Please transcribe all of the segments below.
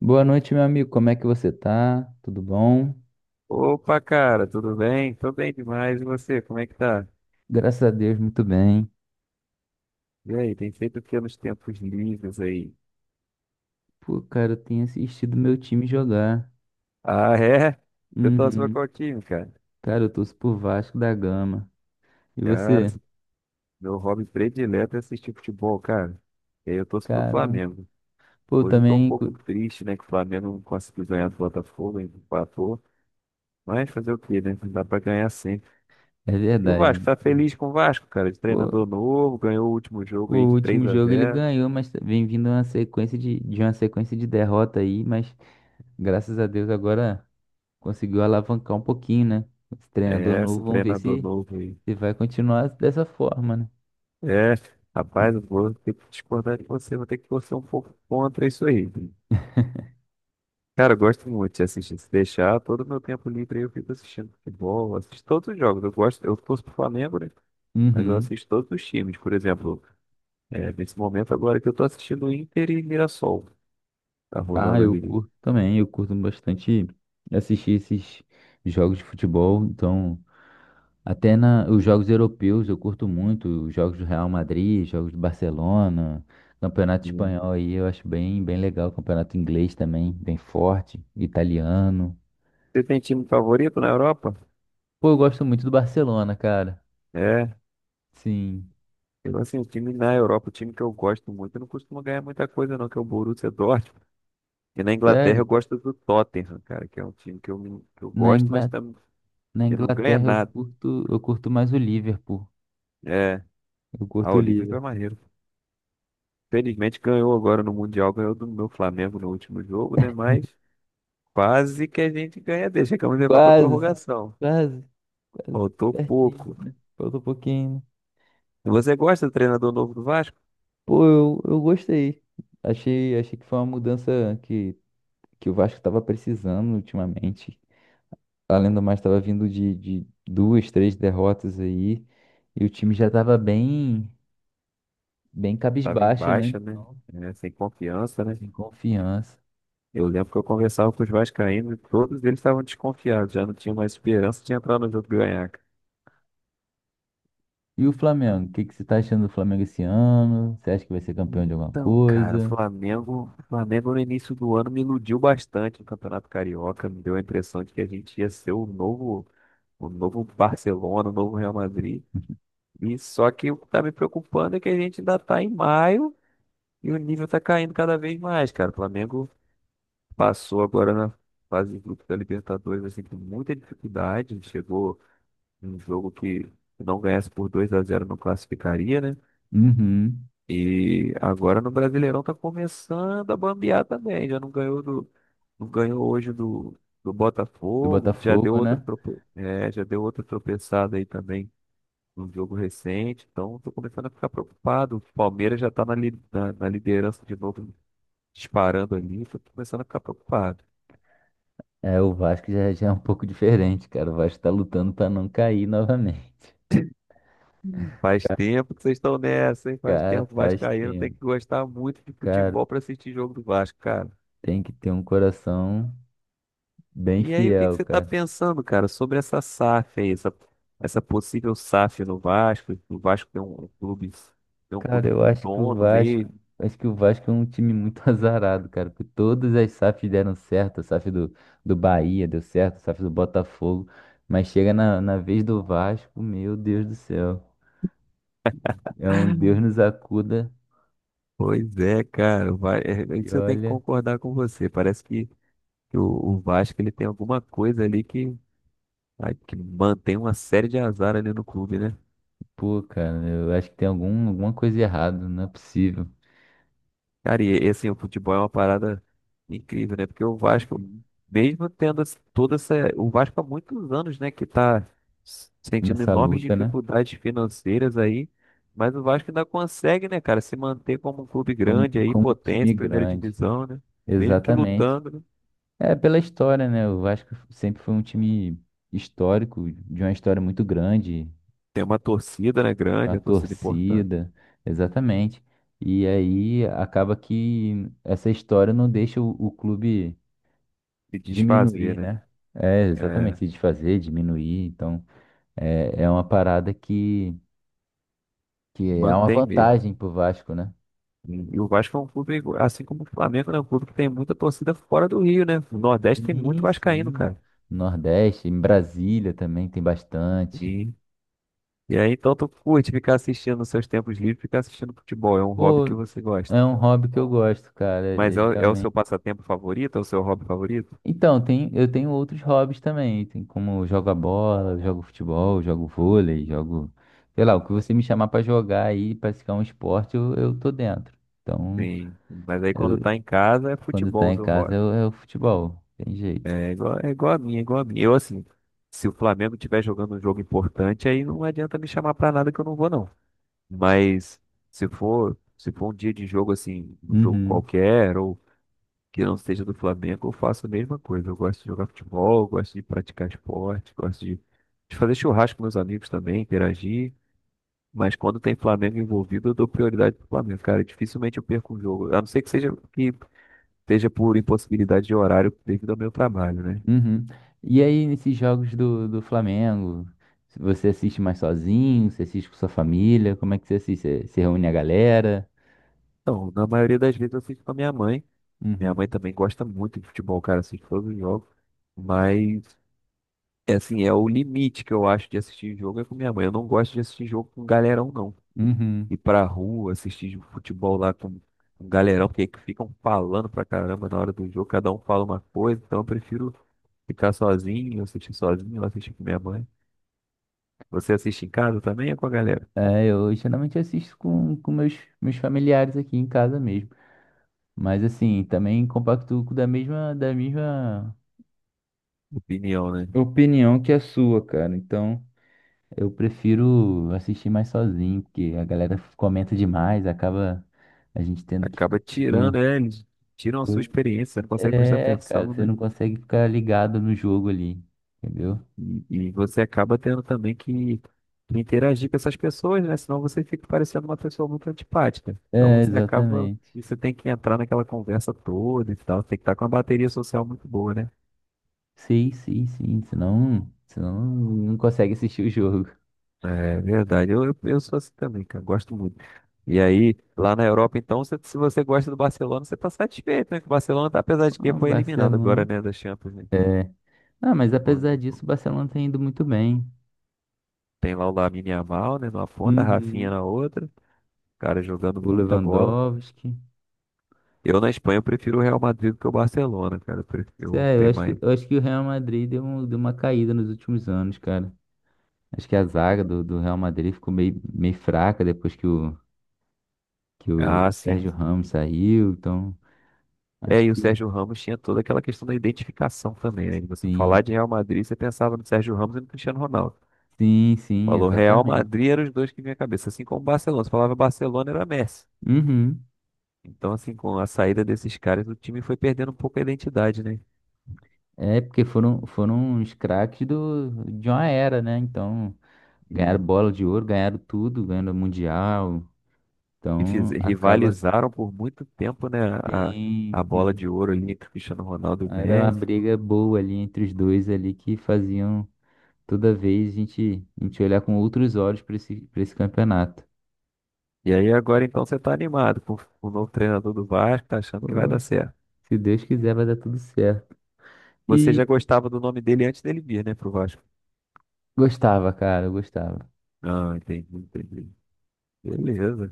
Boa noite, meu amigo. Como é que você tá? Tudo bom? Opa, cara, tudo bem? Tô bem demais. E você, como é que tá? Graças a Deus, muito bem. E aí, tem feito o que nos tempos livres aí? Pô, cara, eu tenho assistido meu time jogar. Ah, é? Eu torço pra Uhum. qual time, cara? Cara, eu torço por Vasco da Gama. E Cara, você? meu hobby predileto é assistir futebol, cara. E aí eu torço pro Caramba. Flamengo. Pô, eu Hoje eu tô um também. pouco Cu- triste, né, que o Flamengo não conseguiu ganhar do Botafogo, ainda empatou. Mas fazer o quê, né? Não dá pra ganhar sempre. É E o verdade. Vasco, tá feliz com o Vasco, cara? De Pô, treinador novo, ganhou o último pô, jogo aí o de 3 último a jogo ele zero. ganhou, mas vem vindo uma sequência de uma sequência de derrota aí, mas graças a Deus agora conseguiu alavancar um pouquinho, né? Esse treinador É, esse novo, vamos ver treinador novo aí. se vai continuar dessa forma, né? É, rapaz, eu vou ter que discordar de você, vou ter que torcer um pouco contra isso aí. Cara, eu gosto muito de assistir. Se deixar, todo o meu tempo livre aí eu fico assistindo futebol, assisto todos os jogos. Eu gosto, eu torço pro Flamengo, né? Mas eu Uhum. assisto todos os times, por exemplo. É, nesse momento agora que eu tô assistindo Inter e Mirassol. Tá Ah, rolando eu ali. curto também, eu curto bastante assistir esses jogos de futebol. Então, os jogos europeus eu curto muito, os jogos do Real Madrid, jogos do Barcelona, campeonato Hum. espanhol aí eu acho bem, bem legal, campeonato inglês também, bem forte, italiano. Você tem time favorito na Europa? Pô, eu gosto muito do Barcelona, cara. É. Sim, Eu, assim, o time na Europa, o time que eu gosto muito, eu não costumo ganhar muita coisa não, que é o Borussia Dortmund. E na Inglaterra sério. eu gosto do Tottenham, cara, que é um time que eu Na gosto, mas Ingla- tam, Na que não ganha Inglaterra nada. Eu curto mais o Liverpool. É, Eu ah, curto o o Liverpool é Liverpool. maneiro. Felizmente ganhou agora no Mundial, ganhou do meu Flamengo no último jogo, né? Mas quase que a gente ganha dele. Chegamos a levar pra Quase, prorrogação. quase, quase, Faltou pertinho, pouco. né? Falta um pouquinho, né? E você gosta do treinador novo do Vasco? Pô, eu gostei. Achei, achei que foi uma mudança que, que o Vasco estava precisando ultimamente. Além do mais, estava vindo de duas, três derrotas aí. E o time já estava bem, bem Tava em cabisbaixo, né? baixa, né? Não, É, sem confiança, né? sem confiança. Eu lembro que eu conversava com os vascaínos e todos eles estavam desconfiados, já não tinham mais esperança de entrar no jogo e ganhar, cara. E o Flamengo? Que você está achando do Flamengo esse ano? Você acha que vai ser campeão de alguma Então, cara, coisa? O Flamengo no início do ano me iludiu bastante no Campeonato Carioca, me deu a impressão de que a gente ia ser o novo Barcelona, o novo Real Madrid. E só que o que tá me preocupando é que a gente ainda tá em maio e o nível tá caindo cada vez mais, cara. O Flamengo passou agora na fase de grupos da Libertadores assim com muita dificuldade, chegou num jogo que, se não ganhasse por 2 a 0, não classificaria, né? Uhum. E agora no Brasileirão tá começando a bambear também. Já não ganhou do, não ganhou hoje do, do Do Botafogo, já deu Botafogo, outra, né? Já deu outra tropeçada aí também num jogo recente. Então tô começando a ficar preocupado. O Palmeiras já tá na liderança de novo, disparando ali. Tô começando a ficar preocupado. É, o Vasco já é um pouco diferente, cara. O Vasco tá lutando pra não cair novamente. Faz tempo que vocês estão nessa, hein? Faz Cara, tempo, o faz vascaíno tem tempo. que gostar muito de Cara, futebol pra assistir jogo do Vasco, cara. tem que ter um coração bem E aí, o que que fiel, você está cara. pensando, cara, sobre essa SAF aí, essa possível SAF no Vasco? O Vasco tem um Cara, clube eu com acho que o dono Vasco, mesmo. acho que o Vasco é um time muito azarado, cara, porque todas as SAFs deram certo, a SAF do Bahia deu certo, a SAF do Botafogo, mas chega na vez do Vasco, meu Deus do céu. É um Deus nos acuda. Pois é, cara, o Va- é, é E isso eu tenho que olha, concordar com você. Parece que o Vasco ele tem alguma coisa ali que, ai, que mantém uma série de azar ali no clube, né? pô, cara, eu acho que tem algum, alguma coisa errada, não é possível. Cara, e assim, o futebol é uma parada incrível, né? Porque o Vasco, Uhum. mesmo tendo esse- toda essa. O Vasco há muitos anos, né, que tá s- sentindo Nessa enormes luta, né? dificuldades financeiras aí, mas o Vasco ainda consegue, né, cara, se manter como um clube Como, grande aí, como um time potência, primeira grande. divisão, né? Mesmo que Exatamente. lutando, né? É pela história, né? O Vasco sempre foi um time histórico, de uma história muito grande, Tem uma torcida, né, uma grande, uma torcida importante, torcida, exatamente. E aí acaba que essa história não deixa o clube se desfazer, diminuir, né? né? É, exatamente, É, se desfazer, diminuir. Então, é, é uma parada que é uma mantém mesmo. vantagem pro Vasco, né? E o Vasco é um clube, assim como o Flamengo, né? Um clube que tem muita torcida fora do Rio, né? O Nordeste tem muito Sim, vascaíno, sim. cara. Nordeste, em Brasília também tem bastante. E, e aí, então, tu curte ficar assistindo nos seus tempos livres, ficar assistindo futebol. É um hobby Pô, que você gosta. é um hobby que eu gosto, cara, Mas é é, o- é o seu realmente. passatempo favorito? É o seu hobby favorito? Então, tem, eu tenho outros hobbies também. Tem como eu jogo a bola, eu jogo futebol, eu jogo vôlei, jogo, sei lá, o que você me chamar pra jogar aí, praticar um esporte, eu tô dentro. Então, Sim. Mas aí, quando eu, tá em casa, é quando futebol tá o em seu casa, hobby. É o futebol, tem jeito. É igual a mim, é igual a mim. Eu, assim, se o Flamengo estiver jogando um jogo importante, aí não adianta me chamar pra nada que eu não vou, não. Mas se for um dia de jogo assim, um jogo Uhum. qualquer, ou que não seja do Flamengo, eu faço a mesma coisa. Eu gosto de jogar futebol, eu gosto de praticar esporte, gosto de fazer churrasco com meus amigos também, interagir. Mas quando tem Flamengo envolvido, eu dou prioridade pro Flamengo, cara. Dificilmente eu perco um jogo. A não ser que seja por impossibilidade de horário devido ao meu trabalho, né? Uhum. E aí, nesses jogos do Flamengo, você assiste mais sozinho? Você assiste com sua família? Como é que você assiste? Você, você reúne a galera? Então, na maioria das vezes eu fico com a minha mãe. Minha mãe Uhum. também gosta muito de futebol, cara, assiste todos os jogos. Mas é assim, é o limite que eu acho de assistir jogo é com minha mãe. Eu não gosto de assistir jogo com galerão, não. Uhum. Ir pra rua, assistir futebol lá com um galerão, porque que ficam falando pra caramba na hora do jogo, cada um fala uma coisa, então eu prefiro ficar sozinho, assistir com minha mãe. Você assiste em casa também é com a galera? É, eu geralmente assisto com meus, meus familiares aqui em casa mesmo. Mas assim, também compacto da mesma Opinião, né? opinião que a sua, cara. Então, eu prefiro assistir mais sozinho, porque a galera comenta demais, acaba a gente tendo que Acaba ficar. tirando, é, eles tiram a sua experiência, você não consegue prestar É, cara, atenção, você né? não consegue ficar ligado no jogo ali, entendeu? E você acaba tendo também que interagir com essas pessoas, né? Senão você fica parecendo uma pessoa muito antipática. Então É, você acaba, exatamente. e você tem que entrar naquela conversa toda e tal. Tem que estar com uma bateria social muito boa, né? Sim, sim, sim. Senão, senão não consegue assistir o jogo. É verdade. Eu sou assim também, cara. Gosto muito. E aí, lá na Europa, então, se você gosta do Barcelona, você tá satisfeito, né? Que o Barcelona, tá, apesar de que Ah, foi eliminado agora, Barcelona. né, da Champions, né? É. Ah, mas Foi- apesar disso, o Barcelona tem indo muito bem. Tem lá o Lamine Yamal, né, numa ponta, a Rafinha Uhum. na outra, cara jogando O muita bola. Lewandowski. Eu na Espanha eu prefiro o Real Madrid do que o Barcelona, cara. Eu prefiro Sério, tem mais. eu acho que o Real Madrid deu, deu uma caída nos últimos anos, cara. Acho que a zaga do Real Madrid ficou meio, meio fraca depois que que o Ah, sim, Sérgio sim. Ramos saiu. Então, É, acho e o que Sérgio Ramos tinha toda aquela questão da identificação também, né? De você falar sim. de Real Madrid, você pensava no Sérgio Ramos e no Cristiano Ronaldo. Sim, sim, Falou Real exatamente. Madrid eram os dois que vinha à cabeça, assim como o Barcelona. Você falava Barcelona era Messi. Uhum. Então, assim, com a saída desses caras, o time foi perdendo um pouco a identidade, né? É porque foram, foram os craques do, de uma era, né? Então, E, ganharam bola de ouro, ganharam tudo, ganharam o mundial. Então, acaba. Rivalizaram por muito tempo, né? A, Sim, a bola sim. de ouro ali entre o Cristiano Ronaldo e o Era uma Messi. briga boa ali entre os dois ali que faziam toda vez a gente olhar com outros olhos para esse campeonato. E aí agora então você tá animado com o novo treinador do Vasco, tá achando que vai dar Pô, certo. se Deus quiser, vai dar tudo certo. Você já E gostava do nome dele antes dele vir, né, pro Vasco? gostava, cara, eu gostava. Ah, entendi, entendi. Beleza.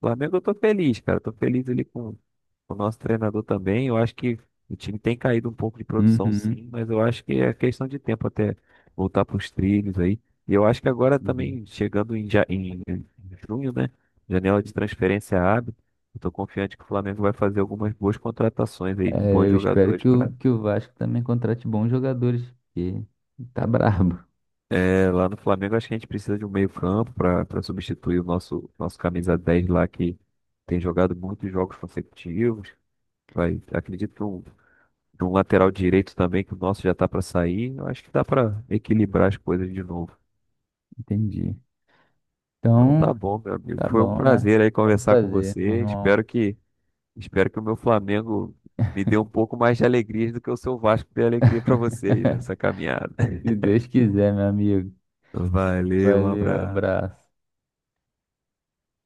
Flamengo, eu tô feliz, cara. Eu tô feliz ali com, o nosso treinador também. Eu acho que o time tem caído um pouco de produção, Uhum. sim, mas eu acho que é questão de tempo até voltar pros trilhos aí. E eu acho que agora também, chegando em junho, né? Janela de transferência abre. Eu tô confiante que o Flamengo vai fazer algumas boas contratações aí de bons É, eu espero jogadores que para que o Vasco também contrate bons jogadores, porque tá brabo. lá no Flamengo. Acho que a gente precisa de um meio-campo para substituir o nosso camisa 10 lá que tem jogado muitos jogos consecutivos. Vai, acredito de um lateral direito também, que o nosso já tá para sair. Eu acho que dá para equilibrar as coisas de novo. Entendi. Então tá Então, bom, meu amigo. tá Foi um bom, né? prazer aí Foi um conversar com prazer, meu você. irmão. Espero que o meu Flamengo me dê um pouco mais de alegria do que o seu Vasco dê alegria para você aí nessa caminhada. Se Deus quiser, meu amigo. Valeu, um Valeu, abraço. abraço.